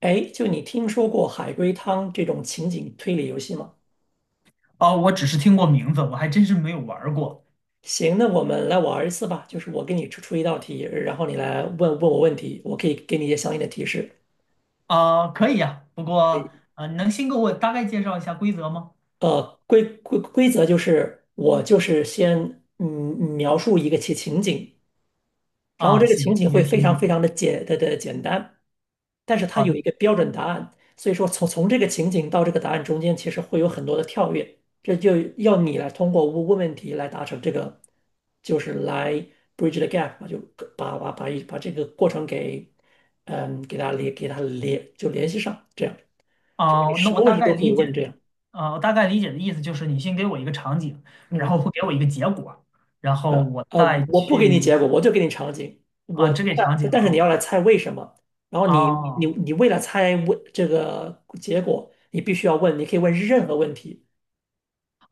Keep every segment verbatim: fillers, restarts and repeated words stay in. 哎，就你听说过海龟汤这种情景推理游戏吗？哦，我只是听过名字，我还真是没有玩儿过。行，那我们来玩一次吧。就是我给你出出一道题，然后你来问问我问题，我可以给你一些相应的提示。啊，可以呀，不可以，过啊，能先给我大概介绍一下规则吗？呃，规规规则就是我就是先嗯描述一个情情景，然后啊，这个情行，景一会个非情常非景。常的简的的简单，但是它好的。有一个标准答案，所以说从从这个情景到这个答案中间，其实会有很多的跳跃，这就要你来通过问问问题来达成这个，就是来 bridge the gap 嘛就把把把一把这个过程给，嗯，给它连给它连就联系上，这样就是你啊，那什我么问大题概都可以理问这解。样，啊，我大概理解的意思就是你先给我一个场景，然嗯，后会给我一个结果，然后我呃，再我不给你去。结果，我就给你场景，啊，我只给场但景但是你要好。来猜为什么。然后你你哦你为了猜问这个结果，你必须要问，你可以问任何问题，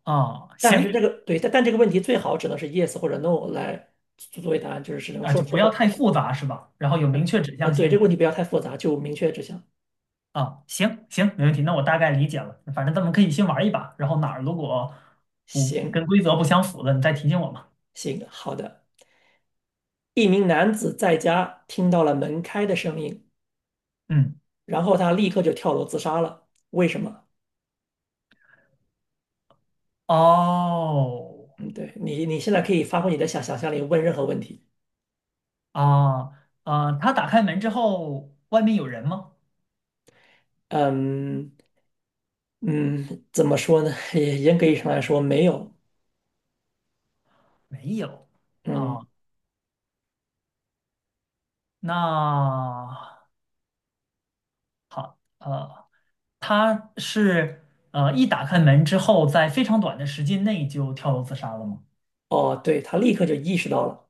哦，但是这行。个对，但但这个问题最好只能是 yes 或者 no 来作作为答案，就是只能啊，说就是不要否太复杂是吧？然后有明确指啊。向对，这性。个问题不要太复杂，就明确指向。啊，行行，没问题，那我大概理解了。反正咱们可以先玩一把，然后哪儿如果不行跟规则不相符的，你再提醒我嘛。行，好的。一名男子在家听到了门开的声音，嗯。然后他立刻就跳楼自杀了。为什么？哦。嗯，对，你，你现在可以发挥你的想想象力，问任何问题。啊啊，他打开门之后，外面有人吗？嗯嗯，怎么说呢？也严格意义上来说，没有。没有。啊，嗯，那呃，他是呃一打开门之后，在非常短的时间内就跳楼自杀了吗？哦，对，他立刻就意识到了，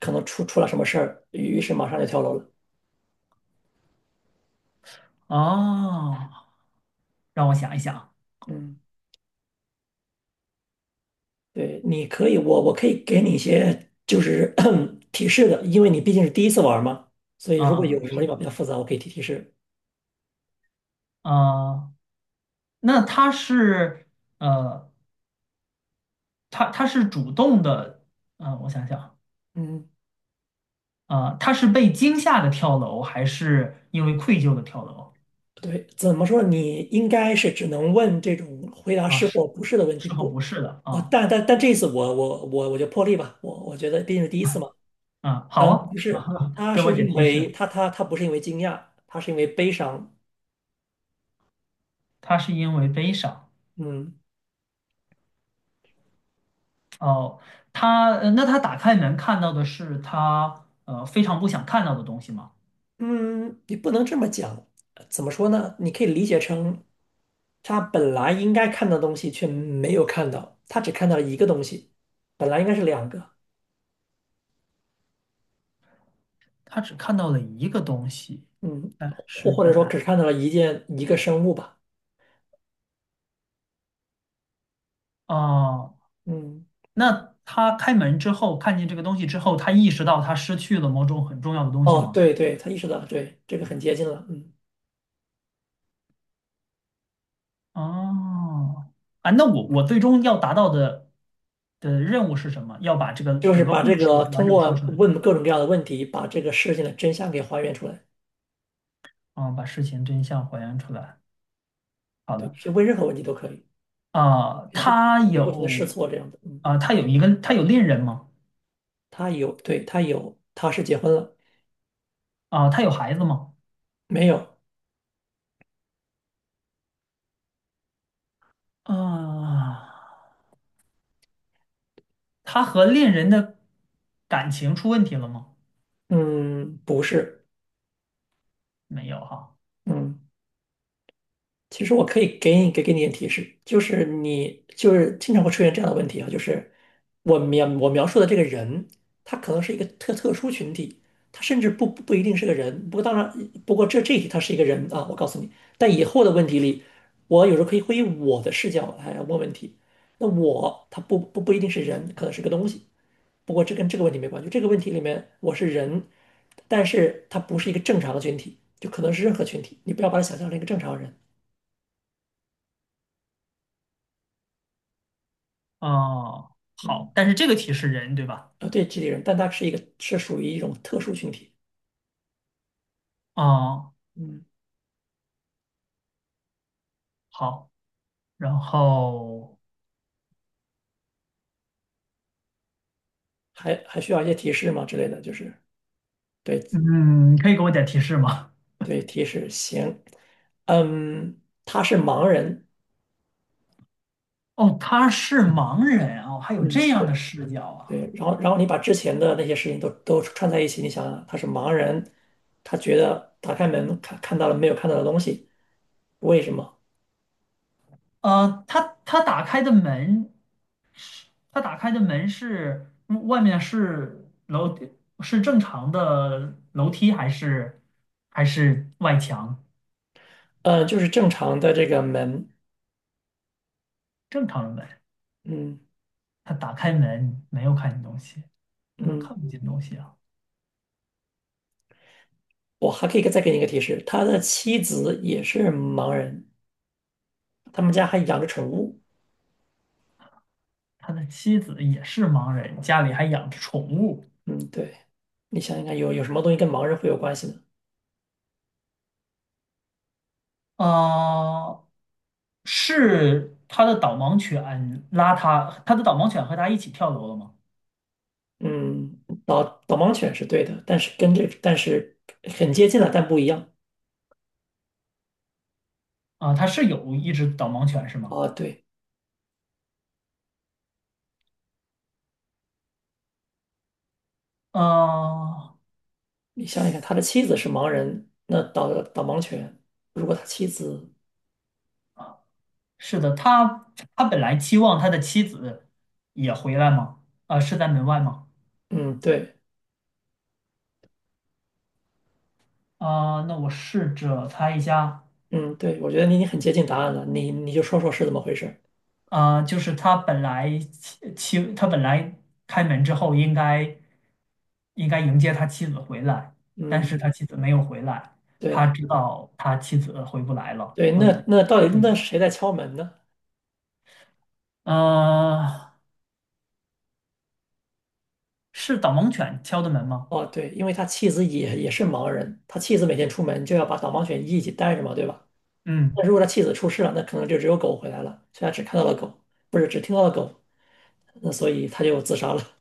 可能出出了什么事儿，于是马上就跳楼了。哦，让我想一想。嗯。对，你可以，我我可以给你一些就是 提示的，因为你毕竟是第一次玩儿嘛，所以啊如果啊，有什么是地的。方比较复杂，我可以提提示。啊，那他是呃。他他是主动的。嗯，我想想。嗯，啊，他是被惊吓的跳楼，还是因为愧疚的跳楼？对，怎么说呢你应该是只能问这种回答啊，是是或不是的问题，是和不不，是的哦，啊。但但但这一次我我我我就破例吧，我我觉得毕竟是第一次嘛，啊，好。嗯，啊，不是，他给我是点因提为示。他他他不是因为惊讶，他是因为悲伤，他是因为悲伤。嗯。哦，他呃那他打开门看到的是他呃非常不想看到的东西吗？嗯，你不能这么讲，呃怎么说呢？你可以理解成，他本来应该看到的东西却没有看到，他只看到了一个东西，本来应该是两个，他只看到了一个东西，嗯，但或是或者本说来。只看到了一件一个生物吧，哦，嗯，那他开门之后看见这个东西之后，他意识到他失去了某种很重要的东西哦，吗？对对，他意识到了，对，这个很接近了，嗯，哦。啊，那我我最终要达到的的任务是什么？要把这个就是整个把故这个事完通整过说出来。问各种各样的问题，把这个事情的真相给还原出来，啊，把事情真相还原出来。好对，的。去问任何问题都可以，啊，也可以可他以不停的试有。错这样的，嗯，啊，他有一个，他有恋人吗？他有，对，他有，他是结婚了，啊，他有孩子吗？没有。啊，他和恋人的感情出问题了吗？嗯，不是，没有哈。嗯，其实我可以给你给给你点提示，就是你就是经常会出现这样的问题啊，就是我描我描述的这个人，他可能是一个特特殊群体，他甚至不不不一定是个人，不过当然，不过这这一题他是一个人啊，我告诉你，但以后的问题里，我有时候可以会以我的视角来问问题，那我他不不不一定是人，可能是个东西，不过这跟这个问题没关系，这个问题里面我是人，但是他不是一个正常的群体，就可能是任何群体，你不要把它想象成一个正常人，哦，嗯，好，但是这个题是人，对吧？啊对，集体人，但他是一个是属于一种特殊群体，哦，嗯，好。然后。还还需要一些提示吗之类的，就是对嗯，可以给我点提示吗？对提示行，嗯，他是盲人，哦，他是盲人哦，还有嗯，这样的对视角啊！对，然后然后你把之前的那些事情都都串在一起，你想想，他是盲人，他觉得打开门看看到了没有看到的东西，为什么？呃，他他打开的门，他打开的门是嗯外面是楼是正常的楼梯还是还是外墙？呃，就是正常的这个门，正常的门。嗯他打开门没有看见东西，那他嗯，看不见东西啊。我还可以再给你一个提示，他的妻子也是盲人，他们家还养着宠物，他的妻子也是盲人，家里还养着宠物。嗯，对，你想想看，有有什么东西跟盲人会有关系呢？呃，是他的导盲犬拉他，他的导盲犬和他一起跳楼了吗？嗯，导导盲犬是对的，但是跟这但是很接近了，但不一样啊，他是有一只导盲犬是吗？啊。对，啊，你想想看，他的妻子是盲人，那导导盲犬，如果他妻子，是的，他他本来期望他的妻子也回来吗？啊，是在门外吗？嗯，对，啊，那我试着猜一下。嗯，对，我觉得你已经很接近答案了，你你就说说是怎么回事，啊，就是他本来妻妻他本来开门之后应该应该迎接他妻子回来，但嗯，是他妻子没有回来，他对。知道他妻子回不来了，对，所以。那那到底那嗯。是谁在敲门呢？呃，是导盲犬敲的门吗？哦，对，因为他妻子也也是盲人，他妻子每天出门就要把导盲犬一起带着嘛，对吧？嗯。那如果他妻子出事了，那可能就只有狗回来了，所以他只看到了狗，不是只听到了狗，那所以他就自杀了。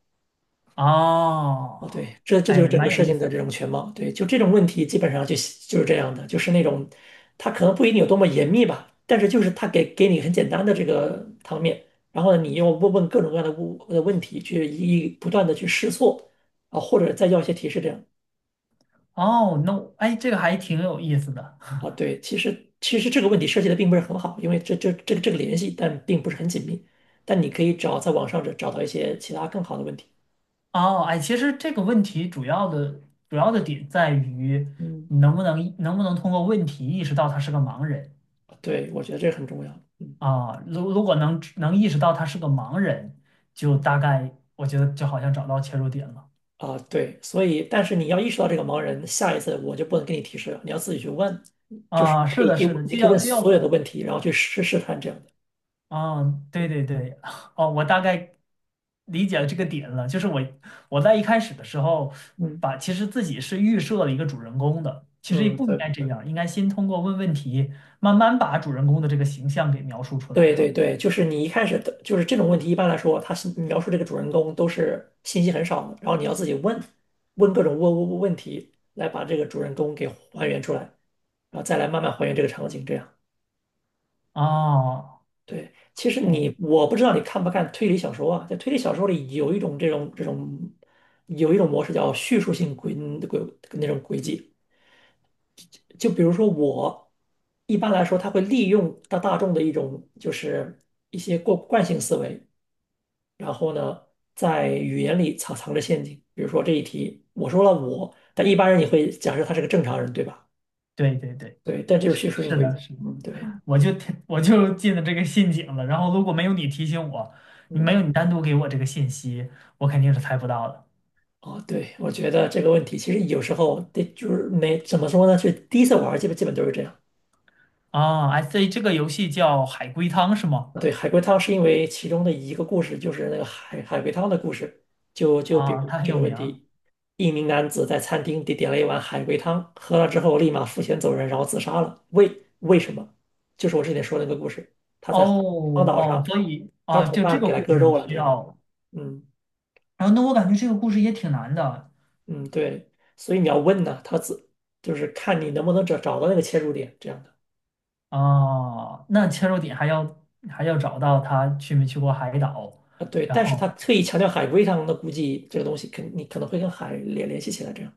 哦，哦，对，这这就哎，是整个蛮有事意情思的的。这种全貌。对，就这种问题基本上就就是这样的，就是那种它可能不一定有多么严密吧，但是就是它给给你很简单的这个汤面，然后呢，你又问问各种各样的问的问题，去一一不断的去试错啊，或者再要一些提示这样哦，No。哎，这个还挺有意思的。啊。对，其实其实这个问题设计的并不是很好，因为这这这个这个联系，但并不是很紧密。但你可以找在网上找找到一些其他更好的问题。哦，哎，其实这个问题主要的主要的点在于嗯，你能不能能不能通过问题意识到他是个盲人。对，我觉得这个很重要。嗯。啊？如如果能能意识到他是个盲人，就大概我觉得就好像找到切入点了。啊，对，所以但是你要意识到这个盲人，下一次我就不能给你提示了，你要自己去问，就是啊。可是以的，可以是的。你既可以要问既所要有的问题，然后去试试探这样的。哦，对对对。哦，我大概理解了这个点了。就是我我在一开始的时候嗯把，其实自己是预设了一个主人公的，其实也嗯，不应对该这样，应该先通过问问题，慢慢把主人公的这个形象给描述出来对哈。对对，就是你一开始的，就是这种问题，一般来说，他是描述这个主人公都是信息很少的，然后你要自己问问各种问问问题，来把这个主人公给还原出来，然后再来慢慢还原这个场景，这样。哦对，其实哦，你我不知道你看不看推理小说啊，在推理小说里有一种这种这种有一种模式叫叙述性轨轨那种轨迹，就比如说我一般来说，他会利用大大众的一种就是一些过惯性思维，然后呢，在语言里藏藏着陷阱，比如说这一题我说了我，但一般人也会假设他是个正常人，对吧？对对对，对，但这就是叙述性是轨迹，的，是的。嗯，对，我就我就进了这个陷阱了。然后如果没有你提醒我，你没嗯。有你单独给我这个信息，我肯定是猜不到的。哦，对，我觉得这个问题其实有时候对，就是没怎么说呢，就第一次玩儿基本基本都是这样。啊，I s 所以这个游戏叫海龟汤是吗？对，海龟汤是因为其中的一个故事就是那个海海龟汤的故事，就就比如啊，他很这有个问名儿。题，一名男子在餐厅点点了一碗海龟汤，喝了之后立马付钱走人，然后自杀了。为为什么？就是我之前说的那个故事，他哦在荒岛哦，上，所以他的啊，同就这伴个给他故割事你肉了，需这样。要。嗯然后那我感觉这个故事也挺难的。嗯，对，所以你要问呢，他自就是看你能不能找找到那个切入点，这样的。啊，那切入点还要还要找到他去没去过海岛。啊，对，然但是他后。特意强调海龟汤，那估计这个东西肯你可能会跟海联联系起来，这样。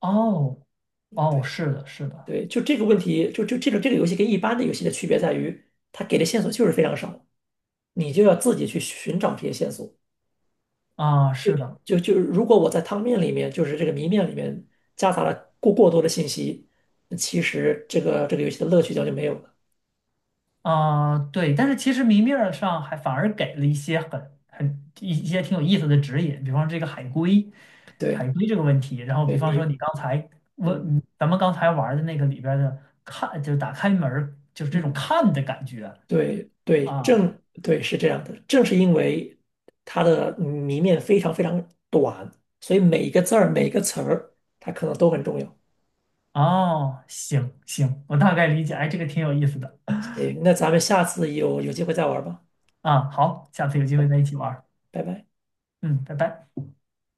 哦。哦，是的，是的。对，就这个问题，就就这个这个游戏跟一般的游戏的区别在于，它给的线索就是非常少，你就要自己去寻找这些线索。啊，是的。就就如果我在汤面里面，就是这个谜面里面夹杂了过过多的信息，那其实这个这个游戏的乐趣将就没有了。啊，对，但是其实明面儿上还反而给了一些很很一一些挺有意思的指引，比方说这个海龟，海对，龟这个问题，然后比对方你，说你刚才嗯问咱们刚才玩儿的那个里边儿的看，就是打开门儿就是这种嗯。看的感觉。对对，啊。正对是这样的，正是因为它的谜面非常非常短，所以每一个字儿、每一个词儿，它可能都很重要。哦，行行，我大概理解，哎，这个挺有意思的。行，那咱们下次有有机会再玩吧。啊，好，下次有机会嗯再一起玩儿。拜拜。嗯，拜拜。